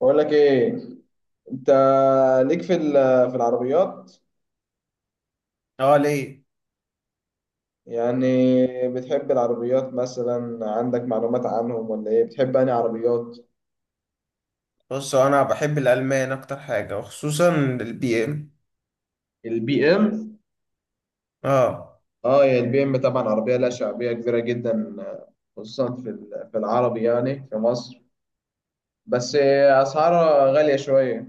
بقول لك ايه؟ انت ليك في في العربيات؟ اه، ليه؟ يعني بتحب العربيات، مثلا عندك معلومات عنهم ولا ايه؟ بتحب انهي عربيات؟ بص، هو انا بحب الالمان اكتر حاجه وخصوصا البي ام. BMW. اه، اه يا BMW، طبعا عربيه لها شعبيه كبيره جدا، خصوصا في العربي، يعني في مصر. بس اسعارها غاليه شويه.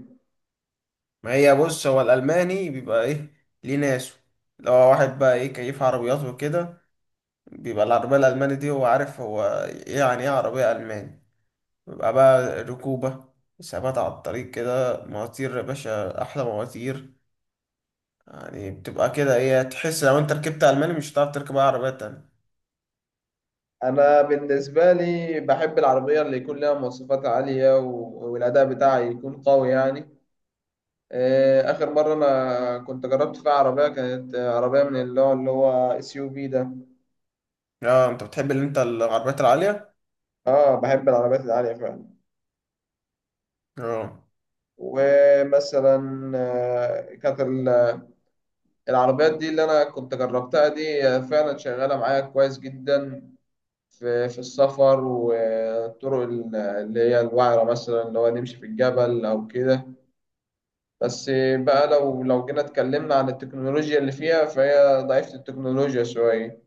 ما هي بص، هو الالماني بيبقى ايه؟ ليه ناسه؟ لو هو واحد بقى ايه كيف عربيات وكده، بيبقى العربيه الالماني دي هو عارف هو يعني ايه عربيه الماني؟ بيبقى بقى ركوبه، ثبات على الطريق كده، مواتير يا باشا، احلى مواتير. يعني بتبقى كده ايه، تحس لو انت ركبت الماني مش هتعرف تركب اي عربيه تانية. انا بالنسبه لي بحب العربيه اللي يكون لها مواصفات عاليه والاداء بتاعها يكون قوي يعني. آخر مرة أنا كنت جربت فيها عربية كانت، عربية من اللي هو SUV ده. اه، انت بتحب اللي انت العربيات العاليه. اه بحب العربيات العالية فعلا. اه. ومثلا كانت العربيات دي اللي أنا كنت جربتها دي، فعلا شغالة معايا كويس جدا في السفر والطرق اللي هي الوعرة، مثلا اللي هو نمشي في الجبل أو كده. بس بقى لو جينا اتكلمنا عن التكنولوجيا اللي فيها، فهي ضعيفة التكنولوجيا شوية.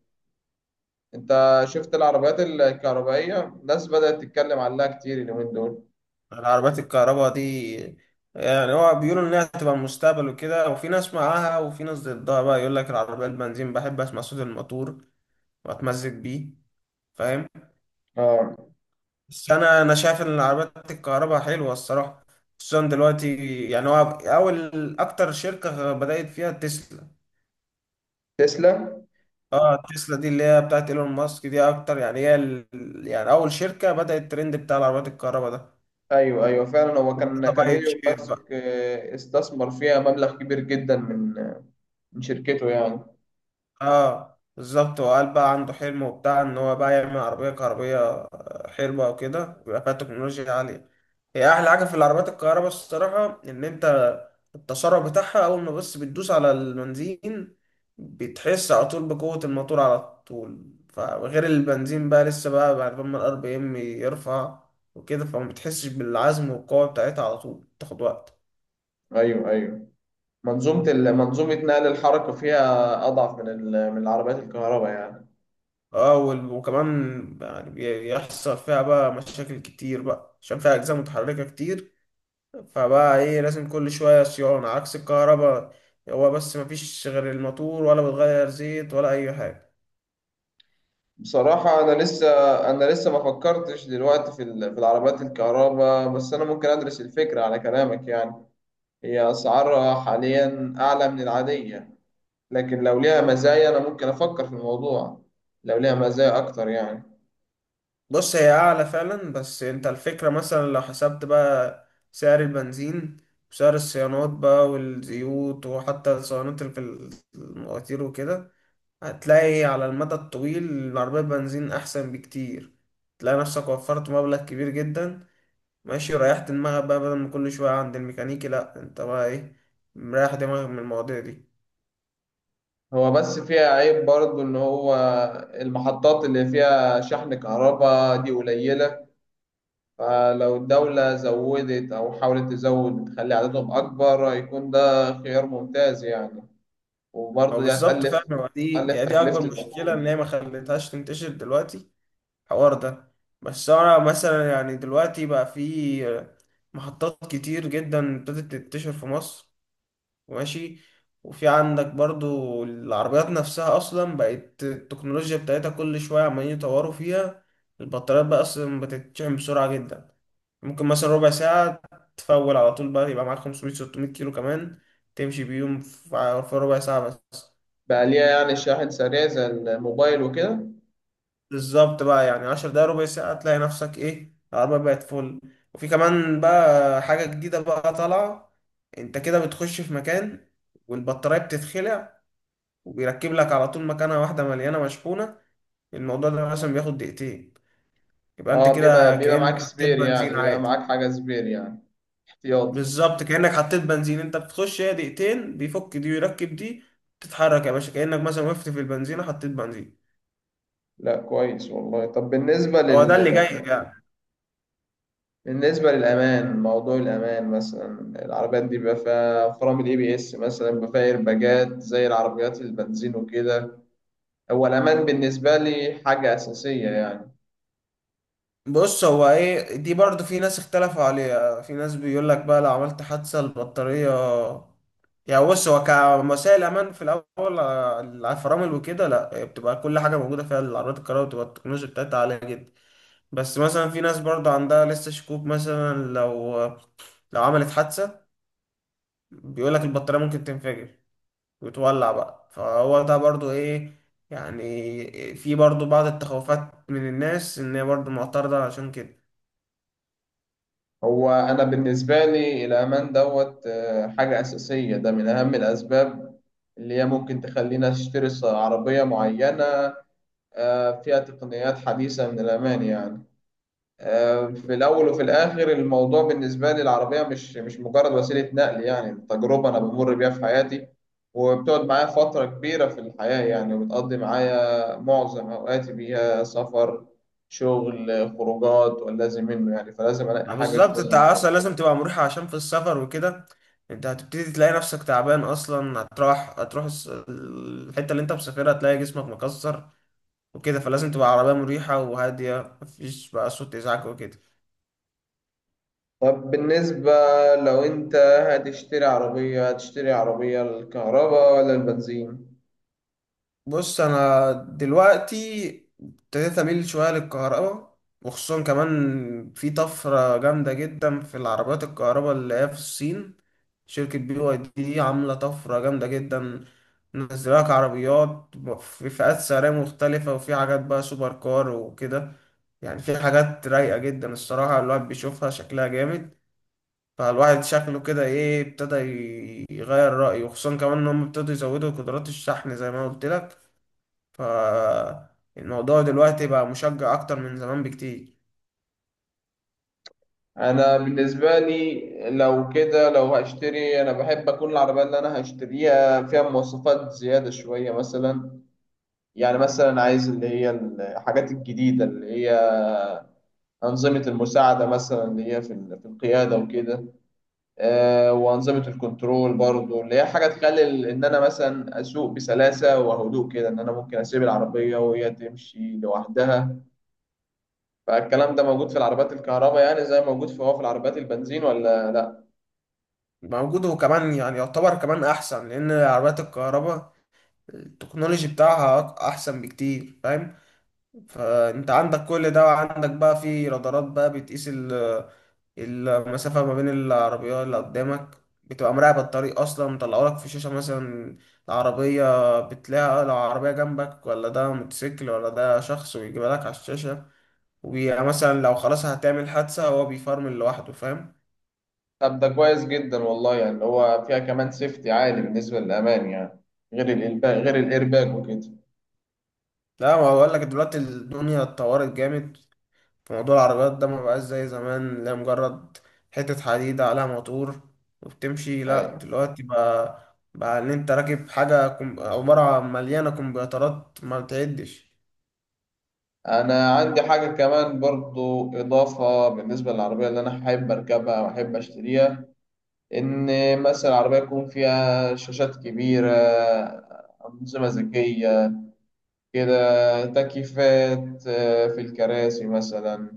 انت شفت العربيات الكهربائية؟ الناس بدأت تتكلم عنها كتير اليومين دول. العربيات الكهرباء دي يعني هو بيقولوا انها هتبقى المستقبل وكده، وفي ناس معاها وفي ناس ضدها، بقى يقول لك العربية البنزين بحب اسمع صوت الموتور واتمزج بيه، فاهم. اه بس انا شايف ان العربيات الكهرباء حلوة الصراحة، خصوصا دلوقتي. يعني هو اول اكتر شركة بدأت فيها تسلا. تسلا. اه، تسلا دي اللي هي بتاعت ايلون ماسك دي اكتر، يعني هي يعني اول شركة بدأت الترند بتاع العربيات الكهرباء ده، ايوه ايوه، فعلا هو كان وابتدى كان بقى ايلون يتشير ماسك بقى. استثمر فيها مبلغ كبير جدا من، من شركته يعني. اه بالظبط، وقال بقى عنده حلم وبتاع ان هو بقى يعمل عربية كهربية حلوة وكده، ويبقى فيها تكنولوجيا عالية. هي احلى حاجة في العربيات الكهرباء الصراحة ان انت التسارع بتاعها اول ما بس بتدوس على البنزين بتحس على طول بقوة الموتور على طول. فغير البنزين بقى لسه بقى بعد ما الار بي ام يرفع وكده، فما بتحسش بالعزم والقوة بتاعتها على طول، تاخد وقت. ايوه ايوه. منظومه منظومه نقل الحركه فيها اضعف من العربيات الكهرباء يعني. اه، وكمان يعني يحصل فيها بقى مشاكل كتير بقى عشان فيها أجزاء متحركة كتير، فبقى ايه لازم كل شوية صيانة، عكس الكهرباء هو بس مفيش غير الموتور، ولا بتغير زيت ولا أي حاجة. بصراحه انا لسه، انا لسه ما فكرتش دلوقتي في العربيات الكهرباء، بس انا ممكن ادرس الفكره على كلامك يعني. هي اسعارها حاليا اعلى من العاديه، لكن لو ليها مزايا أنا ممكن أفكر في الموضوع، لو ليها مزايا أكتر يعني. بص، هي أعلى فعلا، بس انت الفكرة مثلا لو حسبت بقى سعر البنزين وسعر الصيانات بقى والزيوت، وحتى الصيانات اللي في المواتير وكده، هتلاقي على المدى الطويل العربية بنزين أحسن بكتير، تلاقي نفسك وفرت مبلغ كبير جدا، ماشي، وريحت دماغك بقى بدل ما كل شوية عند الميكانيكي، لأ، أنت بقى إيه، مريح دماغك من المواضيع دي. هو بس فيها عيب برضه إن هو المحطات اللي فيها شحن كهرباء دي قليلة. فلو الدولة زودت أو حاولت تزود تخلي عددهم أكبر، هيكون ده خيار ممتاز يعني. هو وبرضه دي بالظبط هتقلل فعلا، هو دي ألف يعني دي أكبر تكلفة مشكلة إن الوقود. هي ما خلتهاش تنتشر دلوقتي الحوار ده. بس أنا مثلا يعني دلوقتي بقى في محطات كتير جدا ابتدت تنتشر في مصر، ماشي. وفي عندك برضو العربيات نفسها اصلا بقت التكنولوجيا بتاعتها كل شوية عمالين يطوروا فيها. البطاريات بقى اصلا بتتشحن بسرعة جدا، ممكن مثلا ربع ساعة تفول على طول، بقى يبقى معاك 500 600 كيلو كمان تمشي بيهم في ربع ساعة بس. بقى ليها يعني شاحن سريع زي الموبايل وكده؟ بالظبط بقى، يعني 10 دقايق، ربع ساعة، تلاقي نفسك ايه العربية بقت فل. وفي كمان بقى حاجة جديدة بقى طالعة، انت كده بتخش في مكان والبطارية بتتخلع وبيركب لك على طول مكانها واحدة مليانة مشحونة. الموضوع ده مثلا بياخد دقيقتين، يبقى انت اه كده بيبقى كأنك معاك حطيت سبير يعني، بنزين بيبقى عادي. معاك حاجة سبير يعني، احتياطي. بالظبط، كأنك حطيت بنزين، انت بتخش، هي دقيقتين بيفك دي ويركب دي، تتحرك يا باشا كأنك مثلا وقفت في البنزينة حطيت بنزين. لا كويس والله. طب بالنسبة هو ده لل... اللي جاي يعني. بالنسبة للأمان، موضوع الأمان مثلا، العربيات دي بيبقى فيها فرامل ABS مثلا، بيبقى فيها ايرباجات زي العربيات البنزين وكده؟ هو الأمان بالنسبة لي حاجة أساسية يعني. بص، هو ايه دي برضو في ناس اختلفوا عليها، في ناس بيقول لك بقى لو عملت حادثة البطارية، يعني بص هو كمسائل امان في الاول الفرامل وكده لا، هي بتبقى كل حاجة موجودة فيها. العربيات الكهرباء بتبقى التكنولوجيا بتاعتها عالية جدا. بس مثلا في ناس برضو عندها لسه شكوك، مثلا لو عملت حادثة بيقول لك البطارية ممكن تنفجر وتولع بقى، فهو ده برضو ايه يعني في برضو بعض التخوفات من الناس ان هي برضو معترضة عشان كده. هو أنا بالنسبة لي الأمان دوت، حاجة أساسية، ده من أهم الأسباب اللي هي ممكن تخلينا نشتري عربية معينة، فيها تقنيات حديثة من الأمان يعني. في الأول وفي الآخر، الموضوع بالنسبة لي العربية مش مجرد وسيلة نقل، يعني تجربة أنا بمر بيها في حياتي، وبتقعد معايا فترة كبيرة في الحياة يعني، وبتقضي معايا معظم أوقاتي بيها، سفر، شغل، خروجات واللازم منه يعني، فلازم ألاقي ما حاجة بالظبط، انت تكون. اصلا لازم تبقى مريحة عشان في السفر وكده انت هتبتدي تلاقي نفسك تعبان. اصلا هتروح الحتة اللي انت مسافرها هتلاقي جسمك مكسر وكده، فلازم تبقى عربية مريحة وهادية، مفيش بقى صوت ازعاج وكده. طب بالنسبة لو أنت هتشتري عربية، هتشتري عربية الكهرباء ولا البنزين؟ بص، انا دلوقتي ابتديت اميل شويه للكهرباء، وخصوصا كمان في طفره جامده جدا في العربيات الكهرباء اللي هي في الصين. شركه بي واي دي عامله طفره جامده جدا، منزلاك عربيات في فئات سعريه مختلفه، وفي حاجات بقى سوبر كار وكده. يعني في حاجات رايقه جدا الصراحه، الواحد بيشوفها شكلها جامد، فالواحد شكله كده ايه ابتدى يغير رايه. وخصوصا كمان ان هم ابتدوا يزودوا قدرات الشحن زي ما قلت لك، فالموضوع دلوقتي بقى مشجع أكتر من زمان بكتير. انا بالنسبه لي، لو كده لو هشتري، انا بحب اكون العربيه اللي انا هشتريها فيها مواصفات زياده شويه مثلا. يعني مثلا عايز اللي هي الحاجات الجديده، اللي هي انظمه المساعده مثلا اللي هي في القياده وكده. وانظمه الكنترول برضو اللي هي حاجه تخلي ان انا مثلا اسوق بسلاسه وهدوء كده، ان انا ممكن اسيب العربيه وهي تمشي لوحدها. فالكلام ده موجود في العربيات الكهرباء يعني زي ما موجود في، هو في العربيات البنزين ولا لا؟ موجود، وكمان يعني يعتبر كمان أحسن لأن عربيات الكهرباء التكنولوجي بتاعها أحسن بكتير، فاهم. فأنت عندك كل ده، وعندك بقى في رادارات بقى بتقيس المسافة ما بين العربيات اللي قدامك، بتبقى مراقبة الطريق أصلا، مطلعوا لك في شاشة مثلا العربية، بتلاقي لو عربية جنبك ولا ده موتوسيكل ولا ده شخص، ويجيبها لك على الشاشة. ومثلا لو خلاص هتعمل حادثة هو بيفرمل لوحده، فاهم. طب ده كويس جدا والله، يعني اللي هو فيها كمان سيفتي عالي بالنسبة للأمان يعني، غير الإيرباج، غير الإيرباج وكده. لا، ما بقول لك دلوقتي الدنيا اتطورت جامد في موضوع العربيات ده، ما بقاش زي زمان لا مجرد حتة حديد عليها موتور وبتمشي، لا، أيوة. دلوقتي بقى بقى ان انت راكب حاجة عبارة عن مليانة كمبيوترات ما بتعدش. أنا عندي حاجة كمان برضو إضافة بالنسبة للعربية اللي أنا حابب أركبها وأحب أشتريها، إن مثلا العربية يكون فيها شاشات كبيرة، أنظمة ذكية كده، تكييفات في الكراسي مثلا،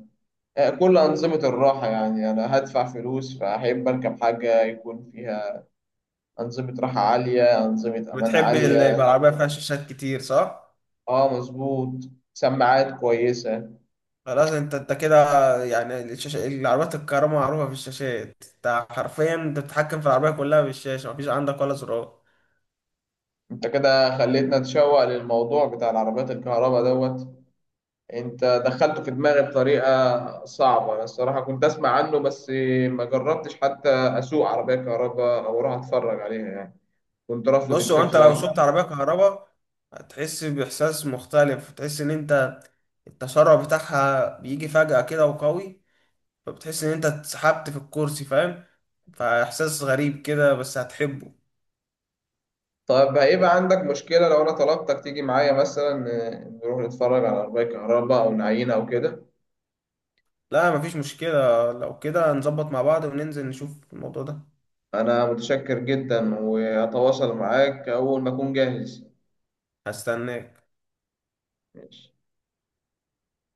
كل أنظمة الراحة، يعني أنا هدفع فلوس فأحب أركب حاجة يكون فيها أنظمة راحة عالية، أنظمة أمان بتحب اللي يبقى عالية. العربية فيها شاشات كتير، صح؟ اه مظبوط، سماعات كويسة. خلاص، انت انت كده يعني الشاشة، العربيات الكهرباء معروفة في الشاشات، انت حرفيا انت بتتحكم في العربية كلها بالشاشة، مفيش عندك ولا زرار. انت كده خليتنا نتشوق للموضوع بتاع العربيات الكهرباء دوت، انت دخلته في دماغي بطريقة صعبة. انا الصراحة كنت اسمع عنه بس، ما جربتش حتى اسوق عربية كهرباء او اروح اتفرج عليها يعني، كنت رافض بص، هو انت لو الفكرة. سوقت عربيه كهرباء هتحس باحساس مختلف، تحس ان انت التسارع بتاعها بيجي فجأة كده وقوي، فبتحس ان انت اتسحبت في الكرسي، فاهم. فاحساس غريب كده، بس هتحبه. طب هيبقى عندك مشكلة لو انا طلبتك تيجي معايا مثلا، نروح نتفرج على عربية كهرباء او نعينها او كده؟ لا، مفيش مشكله، لو كده نظبط مع بعض وننزل نشوف الموضوع ده. أنا متشكر جدا، وهتواصل معاك أول ما أكون جاهز. هستناك. ماشي.